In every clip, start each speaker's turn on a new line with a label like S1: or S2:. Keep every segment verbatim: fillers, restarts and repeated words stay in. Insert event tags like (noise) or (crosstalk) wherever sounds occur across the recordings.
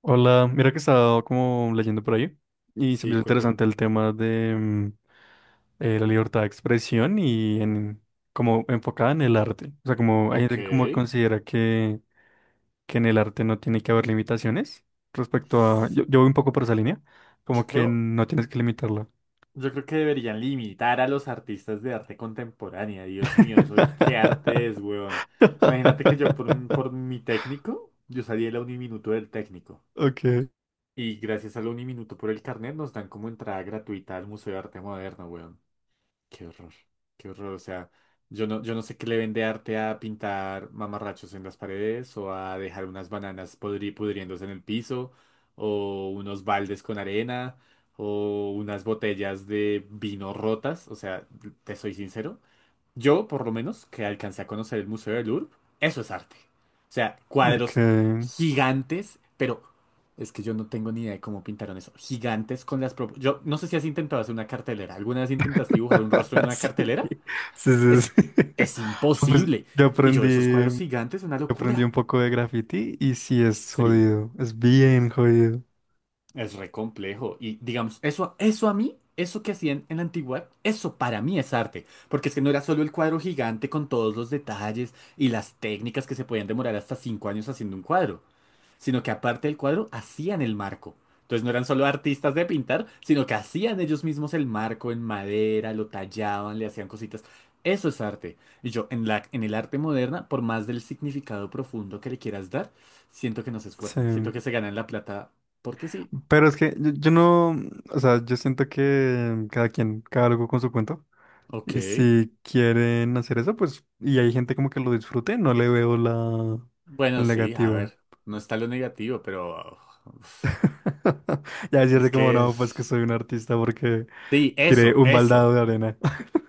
S1: Hola, mira que estaba como leyendo por ahí y se me
S2: Sí,
S1: hizo
S2: cuéntame.
S1: interesante el tema de mm, eh, la libertad de expresión y en, como enfocada en el arte. O sea, como hay
S2: Ok.
S1: gente que como que considera que, que en el arte no tiene que haber limitaciones. respecto a... Yo, yo voy un poco por esa línea,
S2: Yo
S1: como que
S2: creo,
S1: no tienes que limitarlo.
S2: yo creo que deberían limitar a los artistas de arte contemporánea. Dios mío, eso qué arte es,
S1: (laughs)
S2: weón. Imagínate que yo por, m- por mi técnico, yo salí el uniminuto del técnico.
S1: Ok,
S2: Y gracias al uniminuto por el carnet nos dan como entrada gratuita al Museo de Arte Moderno, weón. Qué horror, qué horror. O sea, yo no, yo no sé qué le vende arte a pintar mamarrachos en las paredes o a dejar unas bananas podri- pudriéndose en el piso o unos baldes con arena o unas botellas de vino rotas. O sea, te soy sincero, yo, por lo menos, que alcancé a conocer el Museo del Louvre, eso es arte. O sea, cuadros
S1: ok.
S2: gigantes, pero es que yo no tengo ni idea de cómo pintaron eso. Gigantes con las... prop- Yo no sé si has intentado hacer una cartelera. ¿Alguna vez intentaste dibujar un rostro en
S1: (laughs)
S2: una
S1: Sí,
S2: cartelera?
S1: sí, sí,
S2: Es,
S1: sí.
S2: es
S1: (laughs) Pues
S2: imposible.
S1: yo
S2: Y yo, esos cuadros
S1: aprendí.
S2: gigantes, una
S1: Aprendí
S2: locura.
S1: un poco de graffiti y sí es
S2: Sí.
S1: jodido, es bien jodido.
S2: Es re complejo. Y digamos, eso, eso a mí, eso que hacían en la antigüedad, eso para mí es arte. Porque es que no era solo el cuadro gigante con todos los detalles y las técnicas que se podían demorar hasta cinco años haciendo un cuadro, sino que aparte del cuadro hacían el marco. Entonces no eran solo artistas de pintar, sino que hacían ellos mismos el marco en madera, lo tallaban, le hacían cositas. Eso es arte. Y yo, en la, en el arte moderna, por más del significado profundo que le quieras dar, siento que no se esfuerzan. Siento
S1: Sí.
S2: que se ganan la plata porque sí.
S1: Pero es que yo, yo no, o sea, yo siento que cada quien, cada loco con su cuento.
S2: Ok.
S1: Y si quieren hacer eso, pues, y hay gente como que lo disfrute, no le veo la,
S2: Bueno,
S1: el
S2: sí, a
S1: negativo.
S2: ver. No está lo negativo, pero... uf,
S1: (laughs) Ya
S2: es
S1: decirte como,
S2: que
S1: no, pues que
S2: es...
S1: soy un artista porque
S2: Sí,
S1: tiré
S2: eso,
S1: un baldado
S2: eso.
S1: de arena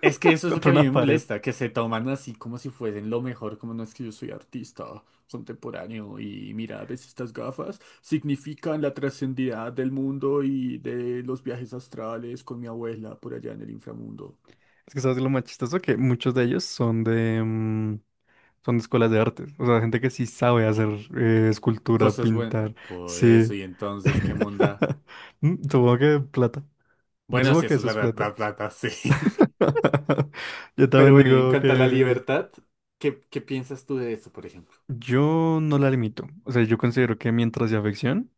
S2: Es que eso es lo que
S1: contra
S2: a mí me
S1: una pared.
S2: molesta, que se toman así como si fuesen lo mejor, como no es que yo soy artista contemporáneo y mira, ves estas gafas, significan la trascendida del mundo y de los viajes astrales con mi abuela por allá en el inframundo.
S1: Es que sabes lo más chistoso que muchos de ellos son de mm, son de escuelas de artes. O sea, gente que sí sabe hacer eh, escultura,
S2: Cosas buenas,
S1: pintar.
S2: por eso,
S1: Sí.
S2: y entonces, ¿qué monda?
S1: (laughs) Mm, Supongo que plata. Yo
S2: Bueno,
S1: supongo
S2: sí,
S1: que
S2: eso es
S1: eso es
S2: verdad,
S1: plata.
S2: verdad, verdad, (laughs) sí.
S1: (laughs) Yo
S2: Pero
S1: también
S2: bueno, y en
S1: digo
S2: cuanto a la
S1: que
S2: libertad, ¿qué, qué piensas tú de eso, por ejemplo?
S1: yo no la limito. O sea, yo considero que mientras sea ficción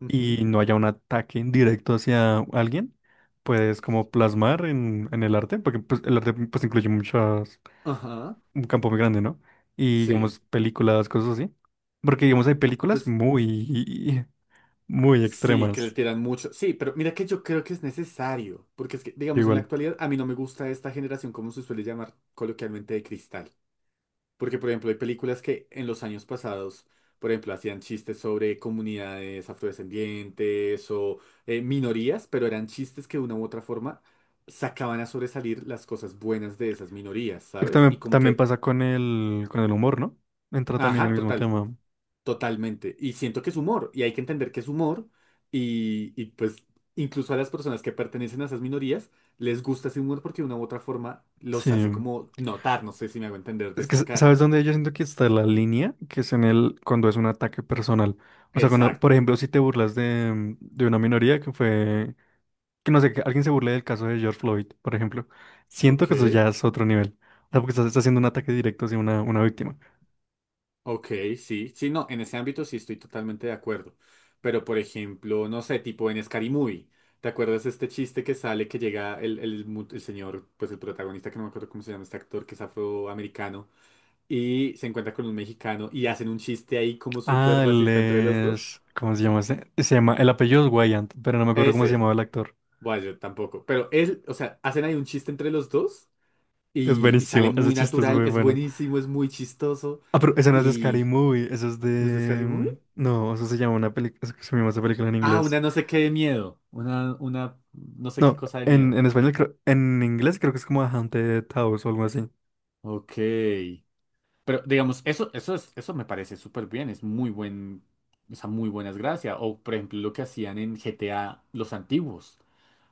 S2: Ujú,
S1: y no haya un ataque directo hacia alguien, puedes como plasmar en, en el arte, porque pues, el arte pues incluye muchas
S2: ajá.
S1: un campo muy grande, ¿no? Y
S2: Sí.
S1: digamos, películas, cosas así. Porque digamos, hay películas
S2: Pues
S1: muy, (laughs) muy
S2: sí, que le
S1: extremas.
S2: tiran mucho. Sí, pero mira que yo creo que es necesario. Porque es que,
S1: Que
S2: digamos, en la
S1: igual.
S2: actualidad a mí no me gusta esta generación, como se suele llamar coloquialmente, de cristal. Porque, por ejemplo, hay películas que en los años pasados, por ejemplo, hacían chistes sobre comunidades afrodescendientes o eh, minorías, pero eran chistes que de una u otra forma sacaban a sobresalir las cosas buenas de esas minorías,
S1: Es que
S2: ¿sabes? Y
S1: También,
S2: como
S1: también
S2: que
S1: pasa con el, con el humor, ¿no? Entra también
S2: ajá,
S1: el mismo
S2: total,
S1: tema.
S2: totalmente. Y siento que es humor, y hay que entender que es humor, y, y, pues incluso a las personas que pertenecen a esas minorías les gusta ese humor porque de una u otra forma los hace
S1: Sí.
S2: como notar, no sé si me hago entender,
S1: Es que,
S2: destacar.
S1: ¿sabes dónde yo siento que está la línea? Que es en el, cuando es un ataque personal. O sea, cuando, por
S2: Exacto.
S1: ejemplo, si te burlas de, de una minoría, que fue, que no sé, que alguien se burle del caso de George Floyd, por ejemplo. Siento
S2: Ok,
S1: que eso ya es otro nivel. O sea, porque estás, estás haciendo un ataque directo hacia una, una víctima.
S2: ok, sí, sí, no, en ese ámbito sí estoy totalmente de acuerdo. Pero por ejemplo, no sé, tipo en Scary Movie, ¿te acuerdas este chiste que sale que llega el, el, mu- el señor, pues el protagonista, que no me acuerdo cómo se llama este actor, que es afroamericano? Y se encuentra con un mexicano y hacen un chiste ahí como súper
S1: Ah, él
S2: racista entre los dos.
S1: es... ¿Cómo se llama ese? Se llama... El apellido es Wayant, pero no me acuerdo cómo se
S2: Ese,
S1: llamaba el actor.
S2: bueno, yo tampoco. Pero él, o sea, hacen ahí un chiste entre los dos
S1: Es
S2: y, y sale
S1: buenísimo, ese
S2: muy
S1: chiste es
S2: natural,
S1: muy
S2: es
S1: bueno.
S2: buenísimo, es muy chistoso
S1: Ah, pero ese no es de Scary
S2: y
S1: Movie, eso es
S2: no sé, es
S1: de.
S2: casi muy...
S1: mm, No, eso se llama una película. Se llama esa película en
S2: Ah,
S1: inglés.
S2: una no sé qué de miedo, una, una no sé qué
S1: No,
S2: cosa de
S1: en,
S2: miedo.
S1: en español creo. En inglés creo que es como A Haunted House o algo así.
S2: Ok. Pero digamos, eso, eso es, eso me parece súper bien, es muy buen, esa muy buenas gracias. O por ejemplo, lo que hacían en G T A los antiguos.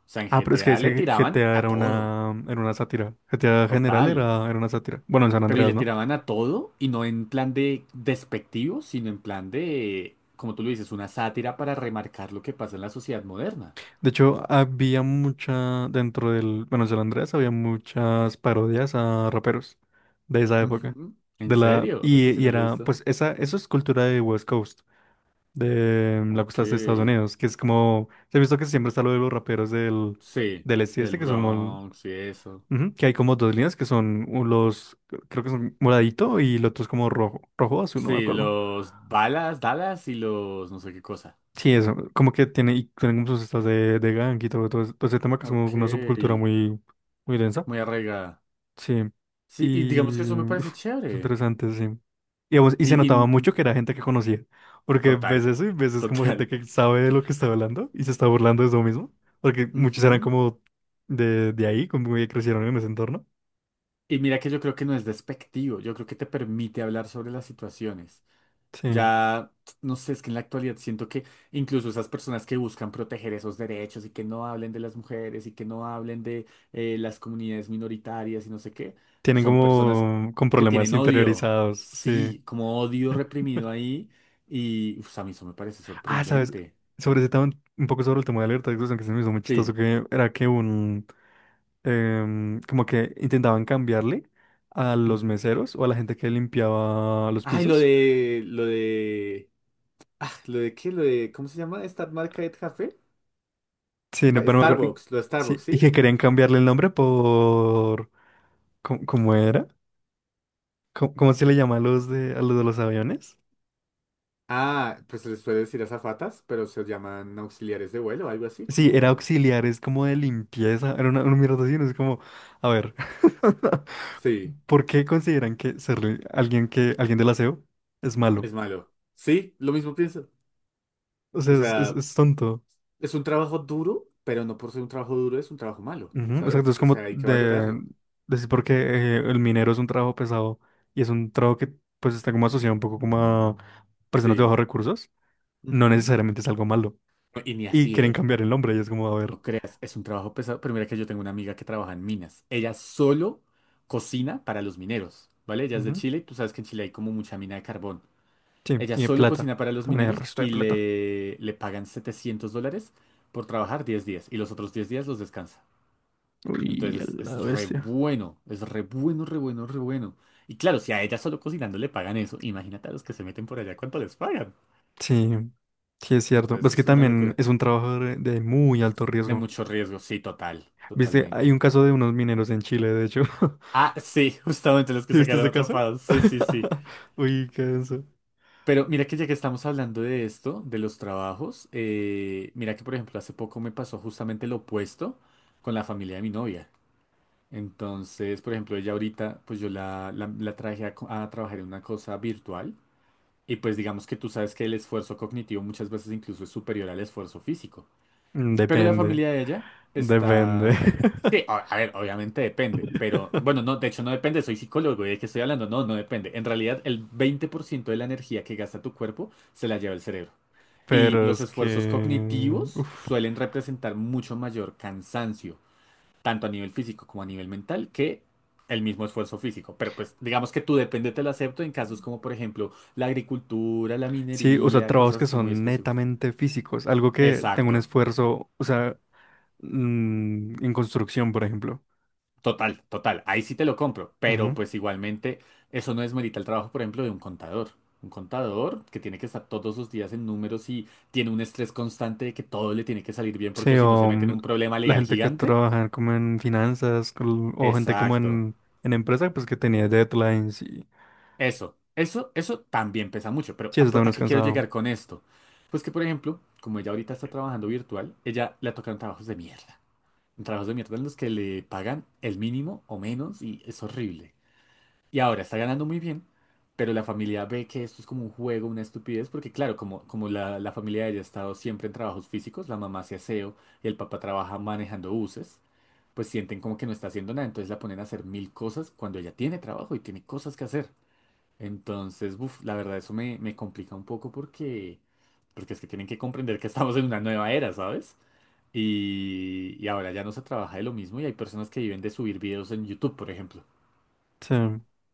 S2: O sea, en
S1: Ah, pero es que
S2: G T A le
S1: ese
S2: tiraban
S1: G T A
S2: a
S1: era
S2: todo,
S1: una... Era una sátira. G T A general
S2: total.
S1: era, era una sátira. Bueno, en San
S2: Pero y le
S1: Andreas, ¿no?
S2: tiraban a todo y no en plan de despectivo, sino en plan de, como tú lo dices, una sátira para remarcar lo que pasa en la sociedad moderna.
S1: De hecho, había mucha, dentro del, bueno, San Andrés había muchas parodias a raperos de esa época.
S2: Ujú. ¿En
S1: De la,
S2: serio? Eso
S1: y,
S2: sí
S1: y
S2: no lo he
S1: era,
S2: visto.
S1: pues esa, eso es cultura de West Coast, de mm, la
S2: Ok.
S1: costa este de Estados Unidos, que es como, se ha visto que siempre está lo de los raperos del,
S2: Sí,
S1: del este,
S2: del
S1: este, que son como,
S2: Bronx y eso.
S1: ujú, que hay como dos líneas que son un- los, creo que son moradito y el otro es como rojo, rojo o azul, no me
S2: Sí,
S1: acuerdo.
S2: los balas, Dallas y los no sé qué cosa.
S1: Sí, eso, como que tiene, y tienen como sus estas de, de gang y todo, todo, ese todo ese tema que es como
S2: Ok,
S1: una subcultura muy... muy densa.
S2: muy arraigada.
S1: Sí,
S2: Sí, y digamos que
S1: y
S2: eso me parece
S1: uf, es
S2: chévere.
S1: interesante, sí. Y, vamos, y se
S2: Y,
S1: notaba
S2: y-
S1: mucho que era gente que conocía, porque
S2: Total,
S1: ves eso y ves es como
S2: total.
S1: gente que sabe de lo que está hablando y se está burlando de eso mismo, porque muchos eran
S2: Ujú.
S1: como de, de ahí, como que crecieron en ese entorno.
S2: Y mira que yo creo que no es despectivo, yo creo que te permite hablar sobre las situaciones.
S1: Sí,
S2: Ya, no sé, es que en la actualidad siento que incluso esas personas que buscan proteger esos derechos y que no hablen de las mujeres y que no hablen de eh, las comunidades minoritarias y no sé qué,
S1: tienen
S2: son personas
S1: como con
S2: que
S1: problemas
S2: tienen odio,
S1: interiorizados, sí.
S2: sí, como odio reprimido ahí y uf, a mí eso me parece
S1: Ah, sabes,
S2: sorprendente.
S1: sobre ese tema, un poco sobre el tema de la libertad de expresión, que se me hizo muy chistoso,
S2: Sí.
S1: que era que un, em, como que intentaban cambiarle a los
S2: Ujú.
S1: meseros o a la gente que limpiaba los
S2: Ay, lo
S1: pisos.
S2: de, lo de, ah, lo de qué, lo de, ¿cómo se llama esta marca de café?
S1: Sí, no,
S2: Ba-
S1: pero no me acuerdo. Y-
S2: Starbucks, los Starbucks,
S1: sí, y
S2: ¿sí?
S1: que querían cambiarle el nombre por. ¿Cómo, cómo era? ¿Cómo, cómo se le llama a los de, a los de los aviones?
S2: Ah, pues se les puede decir azafatas, pero se llaman auxiliares de vuelo, algo así,
S1: Sí, era
S2: como...
S1: auxiliares como de limpieza. Era una, una mierda así, no es como. A ver. (laughs)
S2: Sí,
S1: ¿Por qué consideran que ser alguien que alguien del aseo es malo?
S2: es malo. Sí, lo mismo pienso.
S1: O
S2: O
S1: sea, es, es-
S2: sea,
S1: es tonto.
S2: es un trabajo duro, pero no por ser un trabajo duro es un trabajo malo,
S1: Ujú, exacto,
S2: ¿sabes?
S1: es
S2: O sea,
S1: como
S2: hay que
S1: de
S2: valorarlo.
S1: decir porque eh, el minero es un trabajo pesado y es un trabajo que pues está como asociado un poco como a personas de
S2: Sí.
S1: bajos recursos, no
S2: Ujú.
S1: necesariamente es algo malo.
S2: Y ni
S1: Y
S2: así,
S1: quieren
S2: ¿eh?
S1: cambiar el nombre y es como, a ver.
S2: No creas, es un trabajo pesado. Pero mira que yo tengo una amiga que trabaja en minas. Ella solo cocina para los mineros, ¿vale? Ella es de
S1: Ujú,
S2: Chile y tú sabes que en Chile hay como mucha mina de carbón.
S1: sí,
S2: Ella
S1: y de
S2: solo
S1: plata,
S2: cocina para los
S1: también hay el
S2: mineros
S1: resto de
S2: y
S1: plata.
S2: le, le pagan setecientos dólares por trabajar diez días y los otros diez días los descansa.
S1: Uy, a
S2: Entonces es,
S1: la
S2: es re
S1: bestia.
S2: bueno, es re bueno, re bueno, re bueno. Y claro, si a ella solo cocinando le pagan eso, imagínate a los que se meten por allá cuánto les pagan.
S1: Sí, sí es cierto. Es
S2: Entonces
S1: que
S2: es una
S1: también
S2: locura.
S1: es un trabajo de, de muy alto
S2: De
S1: riesgo.
S2: mucho riesgo, sí, total,
S1: Viste, hay un
S2: totalmente.
S1: caso de unos mineros en Chile, de hecho. (laughs)
S2: Ah, sí, (laughs) justamente los que
S1: ¿Sí?
S2: se
S1: ¿Viste
S2: quedaron
S1: ese caso?
S2: atrapados. Sí, sí, sí.
S1: (laughs) Uy, qué denso.
S2: Pero mira que ya que estamos hablando de esto, de los trabajos, eh, mira que por ejemplo hace poco me pasó justamente lo opuesto con la familia de mi novia. Entonces, por ejemplo, ella ahorita, pues yo la, la, la traje a, co- a trabajar en una cosa virtual y pues digamos que tú sabes que el esfuerzo cognitivo muchas veces incluso es superior al esfuerzo físico.
S1: Mm,
S2: Pero la
S1: Depende.
S2: familia de ella
S1: Depende.
S2: está...
S1: (laughs)
S2: Sí, a, a ver, obviamente depende, pero bueno, no, de hecho no depende, soy psicólogo y de qué estoy hablando, no, no depende. En realidad el veinte por ciento de la energía que gasta tu cuerpo se la lleva el cerebro. Y
S1: Pero
S2: los
S1: es
S2: esfuerzos
S1: que
S2: cognitivos
S1: uf.
S2: suelen representar mucho mayor cansancio, tanto a nivel físico como a nivel mental, que el mismo esfuerzo físico. Pero pues digamos que tú depende, te lo acepto en casos como por ejemplo la agricultura, la
S1: Sí, o sea,
S2: minería,
S1: trabajos
S2: cosas
S1: que
S2: así muy
S1: son
S2: específicas.
S1: netamente físicos, algo que tenga un
S2: Exacto.
S1: esfuerzo, o sea, mm, en construcción, por ejemplo.
S2: Total, total. Ahí sí te lo compro, pero
S1: Ujú.
S2: pues igualmente eso no desmerita el trabajo, por ejemplo, de un contador. Un contador que tiene que estar todos los días en números y tiene un estrés constante de que todo le tiene que salir bien porque
S1: Sí,
S2: o si no se
S1: o
S2: mete en
S1: mm,
S2: un problema
S1: la
S2: legal
S1: gente que
S2: gigante.
S1: trabaja como en finanzas, col- o gente como
S2: Exacto.
S1: en, en empresa, pues que tenía deadlines y.
S2: Eso, eso, eso también pesa mucho. Pero
S1: Sí,
S2: ¿a,
S1: eso
S2: po-
S1: también
S2: a
S1: es
S2: qué quiero
S1: cansado.
S2: llegar con esto? Pues que, por ejemplo, como ella ahorita está trabajando virtual, ella le tocan trabajos de mierda. Trabajos de mierda en los que le pagan el mínimo o menos y es horrible. Y ahora está ganando muy bien, pero la familia ve que esto es como un juego, una estupidez, porque claro, como, como la, la familia de ella ha estado siempre en trabajos físicos, la mamá hace aseo y el papá trabaja manejando buses, pues sienten como que no está haciendo nada, entonces la ponen a hacer mil cosas cuando ella tiene trabajo y tiene cosas que hacer. Entonces, buf, la verdad eso me, me complica un poco porque, porque es que tienen que comprender que estamos en una nueva era, ¿sabes? Y, y ahora ya no se trabaja de lo mismo y hay personas que viven de subir videos en YouTube, por ejemplo
S1: Sí,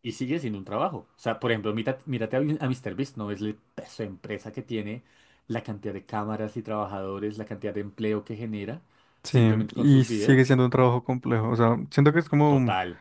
S2: y sigue sin un trabajo. O sea, por ejemplo, mírate, mírate a, a Míster Beast, ¿no ves el peso de empresa que tiene, la cantidad de cámaras y trabajadores, la cantidad de empleo que genera,
S1: sí,
S2: simplemente con
S1: y
S2: sus
S1: sigue
S2: videos?
S1: siendo un trabajo complejo, o sea, siento que es como.
S2: Total.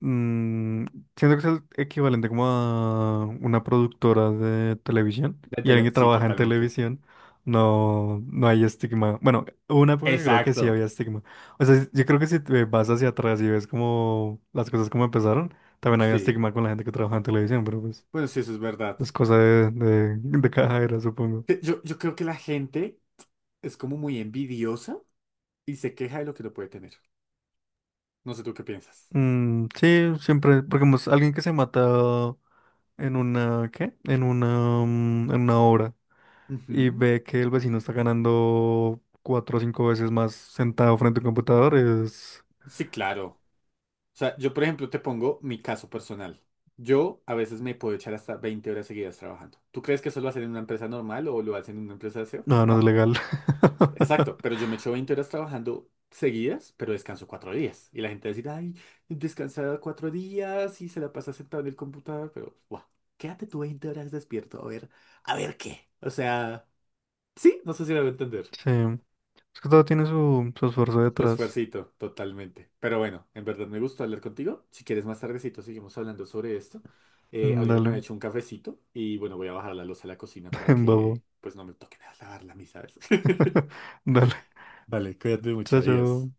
S1: Mm, siento que es el equivalente como a una productora de televisión
S2: De
S1: y alguien
S2: tele-
S1: que
S2: sí,
S1: trabaja en
S2: totalmente.
S1: televisión, no, no hay estigma. Bueno, hubo una época que creo que sí
S2: Exacto.
S1: había estigma. O sea, yo creo que si te vas hacia atrás y ves como las cosas como empezaron, también había
S2: Sí.
S1: estigma con la gente que trabaja en televisión, pero pues
S2: Bueno, sí, eso es verdad.
S1: es cosa de, de, de cada era, supongo.
S2: Que Yo, yo creo que la gente es como muy envidiosa y se queja de lo que no puede tener. No sé tú qué piensas.
S1: Mm, sí, siempre, porque pues, alguien que se mata en una, ¿qué? En una, mm, en una obra y
S2: Ujú.
S1: ve que el vecino está ganando cuatro o cinco veces más sentado frente a un computador, es.
S2: Sí, claro. O sea, yo, por ejemplo, te pongo mi caso personal. Yo a veces me puedo echar hasta veinte horas seguidas trabajando. ¿Tú crees que eso lo hacen en una empresa normal o lo hacen en una empresa de seo?
S1: No, no es
S2: No.
S1: legal. (laughs)
S2: Exacto, pero yo me echo veinte horas trabajando seguidas, pero descanso cuatro días. Y la gente va a decir, ay, descansada cuatro días y se la pasa sentado en el computador, pero, guau, quédate tú veinte horas despierto, a ver, a ver qué. O sea, sí, no sé si me va a entender.
S1: Sí, es que todo tiene su, su esfuerzo
S2: Tu
S1: detrás.
S2: esfuercito, totalmente. Pero bueno, en verdad me gustó hablar contigo. Si quieres más tardecito seguimos hablando sobre esto. Eh,
S1: Mm,
S2: ahorita me he
S1: Dale,
S2: hecho un cafecito y bueno, voy a bajar la loza a la cocina para
S1: (laughs)
S2: que
S1: babo.
S2: pues no me toque nada lavarla a mí, ¿sabes? (laughs)
S1: (laughs) Dale,
S2: Vale, cuídate mucho,
S1: chao,
S2: adiós.
S1: chao.